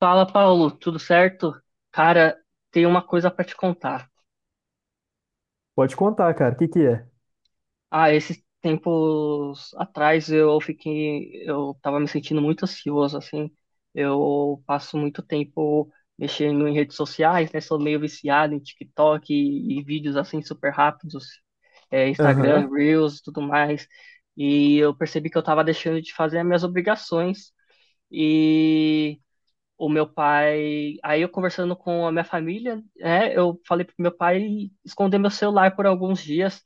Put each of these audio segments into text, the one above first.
Fala, Paulo, tudo certo? Cara, tem uma coisa pra te contar. Pode contar, cara. O que que é? Ah, esses tempos atrás eu tava me sentindo muito ansioso, assim. Eu passo muito tempo mexendo em redes sociais, né? Sou meio viciado em TikTok e vídeos assim super rápidos, Instagram, Aham, Reels, tudo mais. E eu percebi que eu tava deixando de fazer as minhas obrigações o meu pai. Aí eu conversando com a minha família, né, eu falei pro meu pai esconder meu celular por alguns dias.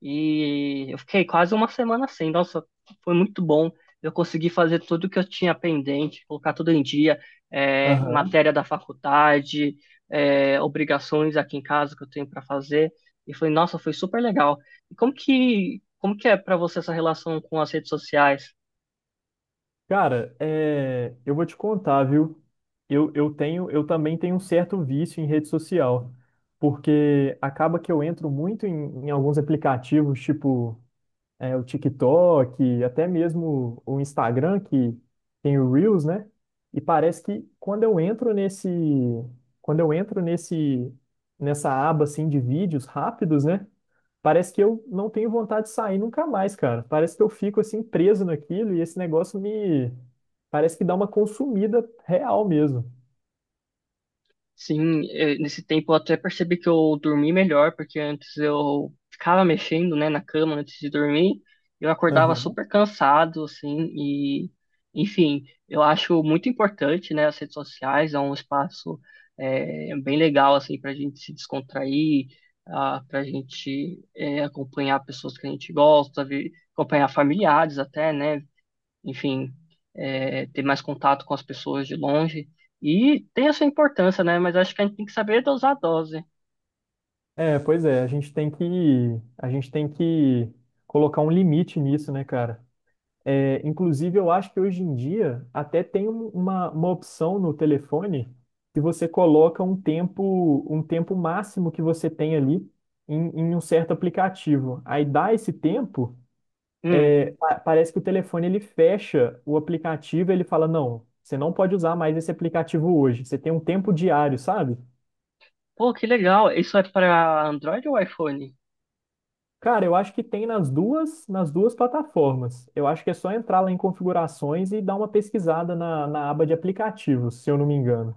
E eu fiquei quase uma semana sem. Nossa, foi muito bom. Eu consegui fazer tudo que eu tinha pendente, colocar tudo em dia, aham. matéria da faculdade, obrigações aqui em casa que eu tenho para fazer. E foi, nossa, foi super legal. E como que é para você essa relação com as redes sociais? Cara, é, eu vou te contar, viu? Eu também tenho um certo vício em rede social, porque acaba que eu entro muito em alguns aplicativos, tipo o TikTok, até mesmo o Instagram, que tem o Reels, né? E parece que quando eu entro nesse, nessa aba assim de vídeos rápidos, né? Parece que eu não tenho vontade de sair nunca mais, cara. Parece que eu fico assim preso naquilo e esse negócio me parece que dá uma consumida real mesmo. Sim, nesse tempo eu até percebi que eu dormi melhor, porque antes eu ficava mexendo, né, na cama antes de dormir, eu acordava Aham. super cansado, assim, e, enfim, eu acho muito importante, né, as redes sociais, é um espaço bem legal, assim, para a gente se descontrair, para a gente acompanhar pessoas que a gente gosta, acompanhar familiares até, né, enfim, ter mais contato com as pessoas de longe. E tem a sua importância, né? Mas acho que a gente tem que saber dosar a dose. É, pois é, a gente tem que colocar um limite nisso, né, cara? É, inclusive, eu acho que hoje em dia até tem uma opção no telefone que você coloca um tempo máximo que você tem ali em um certo aplicativo. Aí dá esse tempo, Hum. Parece que o telefone ele fecha o aplicativo, ele fala: "Não, você não pode usar mais esse aplicativo hoje. Você tem um tempo diário, sabe?" Pô, que legal. Isso é para Android ou iPhone? Cara, eu acho que tem nas duas plataformas. Eu acho que é só entrar lá em configurações e dar uma pesquisada na aba de aplicativos, se eu não me engano.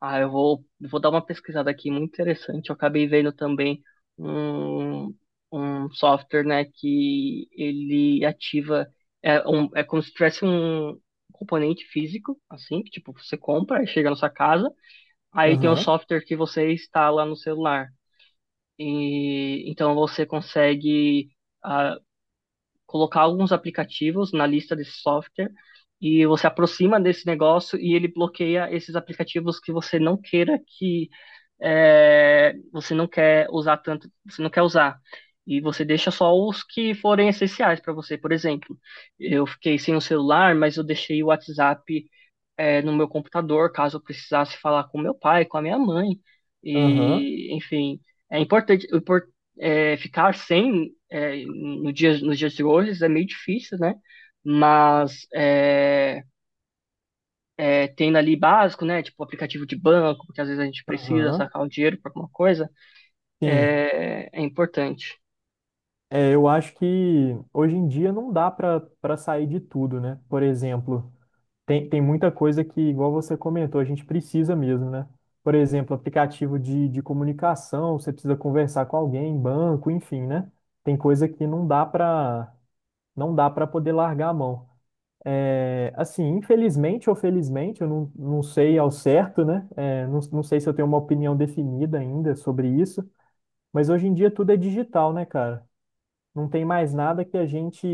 Ah, eu vou dar uma pesquisada aqui, muito interessante. Eu acabei vendo também um, um software, né, que ele ativa, é como se tivesse um componente físico, assim, que tipo, você compra e chega na sua casa, aí tem um Aham, software que você instala no celular. E então você consegue ah, colocar alguns aplicativos na lista desse software e você aproxima desse negócio e ele bloqueia esses aplicativos que você não queira que você não quer usar tanto, você não quer usar. E você deixa só os que forem essenciais para você. Por exemplo, eu fiquei sem o celular, mas eu deixei o WhatsApp no meu computador, caso eu precisasse falar com meu pai, com a minha mãe. aham, E, enfim, é importante ficar sem, no dia, nos dias de hoje é meio difícil, né? Mas tendo ali básico, né? Tipo aplicativo de banco, porque às vezes a gente precisa aham. sacar o dinheiro para alguma coisa, Sim. É importante. É, eu acho que hoje em dia não dá para sair de tudo, né? Por exemplo, tem, tem muita coisa que, igual você comentou, a gente precisa mesmo, né? Por exemplo, aplicativo de comunicação, você precisa conversar com alguém, banco, enfim, né? Tem coisa que não dá para poder largar a mão. É, assim, infelizmente ou felizmente, eu não, não sei ao certo, né? É, não sei se eu tenho uma opinião definida ainda sobre isso, mas hoje em dia tudo é digital, né, cara? Não tem mais nada que a gente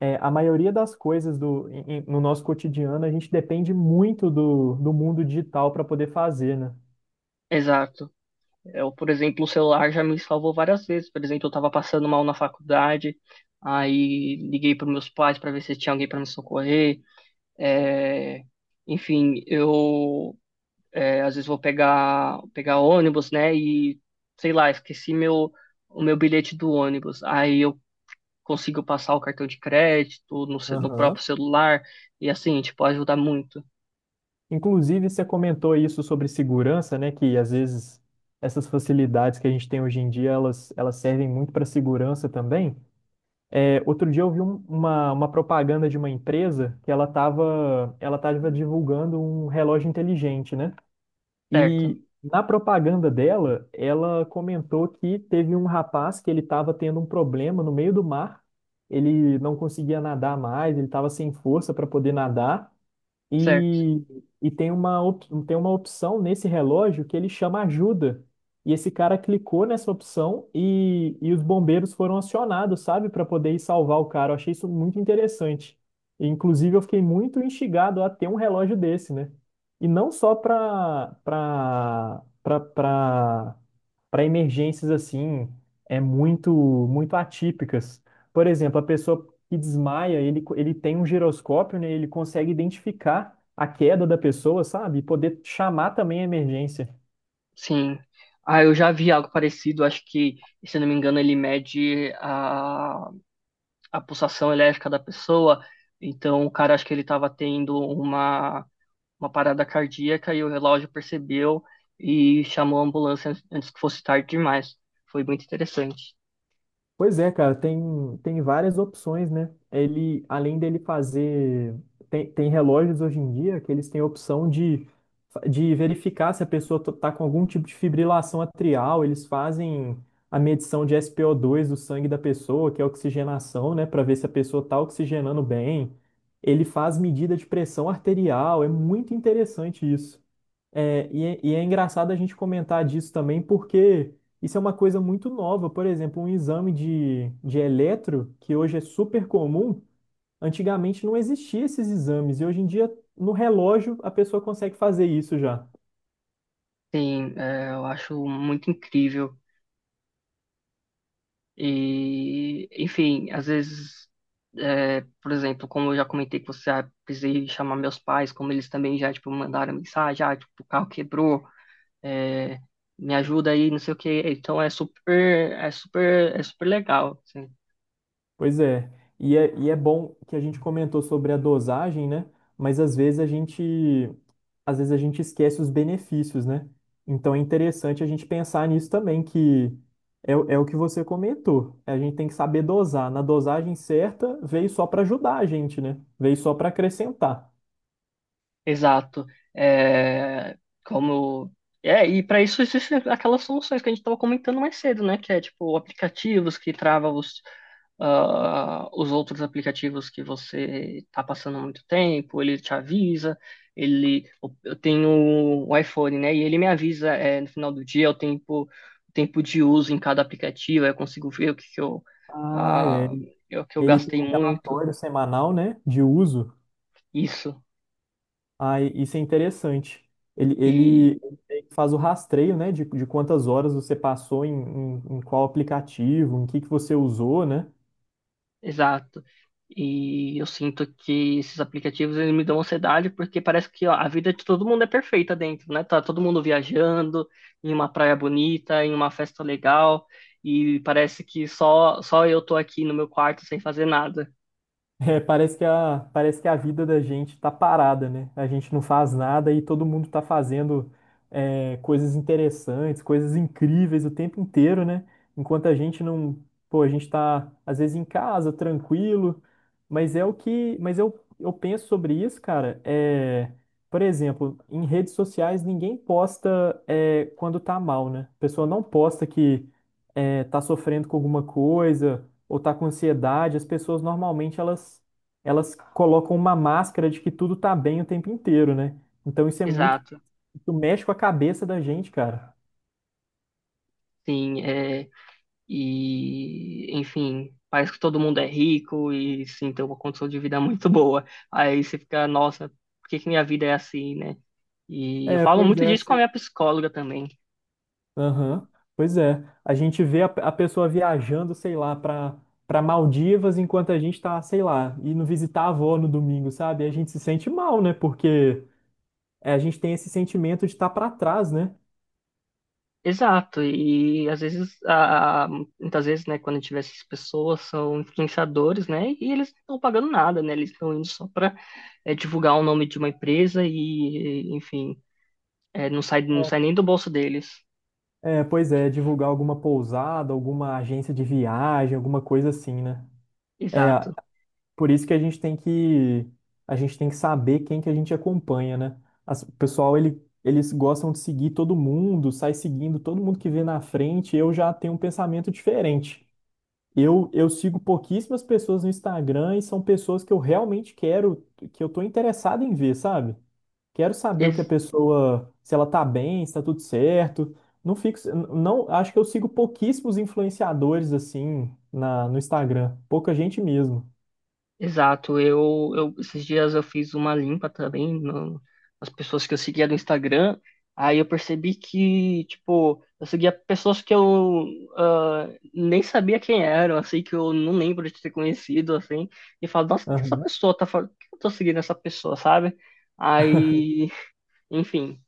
é, a maioria das coisas do, no nosso cotidiano, a gente depende muito do, do mundo digital para poder fazer, né? Exato. Eu, por exemplo, o celular já me salvou várias vezes. Por exemplo, eu estava passando mal na faculdade, aí liguei para meus pais para ver se tinha alguém para me socorrer. É, enfim, às vezes vou pegar ônibus, né? E sei lá, esqueci meu o meu bilhete do ônibus. Aí eu consigo passar o cartão de crédito no Aham. próprio celular e assim, tipo, ajuda muito. Inclusive, você comentou isso sobre segurança, né? Que às vezes essas facilidades que a gente tem hoje em dia, elas servem muito para segurança também. É, outro dia eu vi uma propaganda de uma empresa que ela tava divulgando um relógio inteligente, né? Certo, E na propaganda dela, ela comentou que teve um rapaz que ele estava tendo um problema no meio do mar, ele não conseguia nadar mais, ele estava sem força para poder nadar. certo. E, e tem tem uma opção nesse relógio que ele chama ajuda. E esse cara clicou nessa opção e os bombeiros foram acionados, sabe, para poder ir salvar o cara. Eu achei isso muito interessante. E, inclusive, eu fiquei muito instigado a ter um relógio desse, né? E não só para emergências assim, é muito atípicas. Por exemplo, a pessoa que desmaia, ele tem um giroscópio, né? Ele consegue identificar a queda da pessoa, sabe? E poder chamar também a emergência. Sim. Ah, eu já vi algo parecido. Acho que, se eu não me engano, ele mede a pulsação elétrica da pessoa. Então, o cara, acho que ele estava tendo uma parada cardíaca e o relógio percebeu e chamou a ambulância antes que fosse tarde demais. Foi muito interessante. Pois é, cara, tem, tem várias opções, né? Ele, além dele fazer. Tem, tem relógios hoje em dia que eles têm a opção de verificar se a pessoa tá com algum tipo de fibrilação atrial, eles fazem a medição de spo dois do sangue da pessoa, que é a oxigenação, né, para ver se a pessoa tá oxigenando bem. Ele faz medida de pressão arterial, é muito interessante isso. É engraçado a gente comentar disso também, porque isso é uma coisa muito nova. Por exemplo, um exame de eletro, que hoje é super comum, antigamente não existia esses exames, e hoje em dia, no relógio, a pessoa consegue fazer isso já. Sim, é, eu acho muito incrível. E, enfim, às vezes, por exemplo, como eu já comentei com você, precisei chamar meus pais, como eles também já, tipo, mandaram mensagem, tipo, o carro quebrou, é, me ajuda aí, não sei o quê. Então é super, é super, é super legal, assim. Pois é. E é bom que a gente comentou sobre a dosagem, né? Mas às vezes a gente esquece os benefícios, né? Então é interessante a gente pensar nisso também, que é o que você comentou. A gente tem que saber dosar. Na dosagem certa, veio só para ajudar a gente, né? Veio só para acrescentar. Exato. É, como é, e para isso existem aquelas soluções que a gente estava comentando mais cedo, né? Que é tipo aplicativos que travam os, os outros aplicativos que você está passando muito tempo, ele te avisa, ele eu tenho o iPhone, né? E ele me avisa no final do dia o tempo, de uso em cada aplicativo, aí eu consigo ver o que que Ah, é. ah, o que eu Ele tem gastei um muito, relatório semanal, né, de uso. isso. Ah, isso é interessante. Ele, ele ele faz o rastreio, né, de quantas horas você passou em qual aplicativo, em que você usou, né? Exato. E eu sinto que esses aplicativos eles me dão ansiedade porque parece que ó, a vida de todo mundo é perfeita dentro, né? Tá todo mundo viajando em uma praia bonita, em uma festa legal, e parece que só eu tô aqui no meu quarto sem fazer nada. Parece que a vida da gente tá parada, né? A gente não faz nada e todo mundo tá fazendo é, coisas interessantes, coisas incríveis o tempo inteiro, né? Enquanto a gente não, pô, a gente tá às vezes em casa, tranquilo, mas é o que, mas eu penso sobre isso, cara, é, por exemplo, em redes sociais ninguém posta é, quando tá mal, né? A pessoa não posta que é, tá sofrendo com alguma coisa ou tá com ansiedade, as pessoas normalmente elas colocam uma máscara de que tudo tá bem o tempo inteiro, né? Então Exato. isso mexe com a cabeça da gente, cara. Sim, é, e enfim, parece que todo mundo é rico e sim, tem uma condição de vida muito boa. Aí você fica, nossa, por que que minha vida é assim, né? E eu É, falo pois muito é. disso com a minha psicóloga também. Aham, pois é. A gente vê a pessoa viajando, sei lá, pra para Maldivas enquanto a gente tá, sei lá, indo visitar a avó no domingo, sabe? E a gente se sente mal, né? Porque é, a gente tem esse sentimento de estar tá para trás, né? Exato, e às vezes, muitas vezes, né, quando a gente vê essas pessoas, são influenciadores, né, e eles não estão pagando nada, né, eles estão indo só para divulgar o nome de uma empresa e, enfim, é, não sai, não sai nem do bolso deles. É, pois é, divulgar alguma pousada, alguma agência de viagem, alguma coisa assim, né? É, Exato. por isso que a gente tem que saber quem que a gente acompanha, né? O pessoal, eles gostam de seguir todo mundo, sai seguindo todo mundo que vê na frente. Eu já tenho um pensamento diferente. Eu sigo pouquíssimas pessoas no Instagram e são pessoas que eu realmente quero, que eu tô interessado em ver, sabe? Quero saber o que a pessoa, se ela tá bem, se tá tudo certo. Não fico, não, acho que eu sigo pouquíssimos influenciadores assim no Instagram, pouca gente mesmo. Exato, eu esses dias eu fiz uma limpa também nas pessoas que eu seguia no Instagram, aí eu percebi que, tipo, eu seguia pessoas que eu ah, nem sabia quem eram, assim, que eu não lembro de ter conhecido, assim, e falo, nossa, o que essa pessoa tá falando? Por que eu tô seguindo essa pessoa, sabe? Aí, enfim.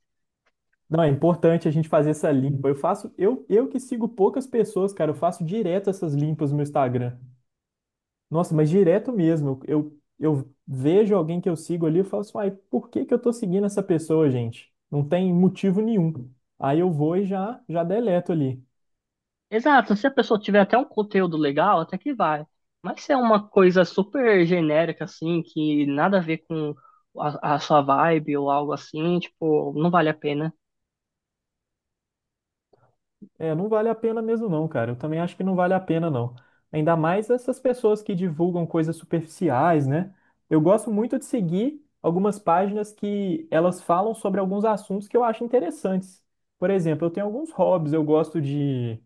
Não, é importante a gente fazer essa limpa. Eu que sigo poucas pessoas, cara, eu faço direto essas limpas no meu Instagram. Nossa, mas direto mesmo. Eu vejo alguém que eu sigo ali, eu falo assim, ai, por que que eu tô seguindo essa pessoa, gente? Não tem motivo nenhum. Aí eu vou e já deleto ali. Exato, se a pessoa tiver até um conteúdo legal, até que vai. Mas se é uma coisa super genérica, assim, que nada a ver com a sua vibe ou algo assim, tipo, não vale a pena. É, não vale a pena mesmo não, cara. Eu também acho que não vale a pena não. Ainda mais essas pessoas que divulgam coisas superficiais, né? Eu gosto muito de seguir algumas páginas que elas falam sobre alguns assuntos que eu acho interessantes. Por exemplo, eu tenho alguns hobbies, eu gosto de,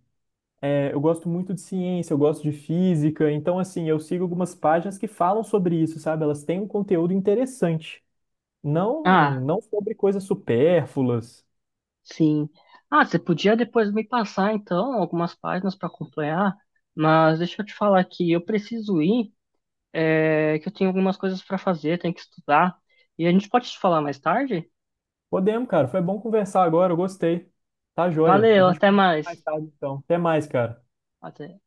é, eu gosto muito de ciência, eu gosto de física, então assim, eu sigo algumas páginas que falam sobre isso, sabe? Elas têm um conteúdo interessante, Ah, não sobre coisas supérfluas. sim. Ah, você podia depois me passar, então, algumas páginas para acompanhar, mas deixa eu te falar que eu preciso ir, que eu tenho algumas coisas para fazer, tenho que estudar, e a gente pode te falar mais tarde? Podemos, cara. Foi bom conversar agora. Eu gostei. Tá joia. A Valeu, gente até conversa mais mais. tarde, então. Até mais, cara. Até.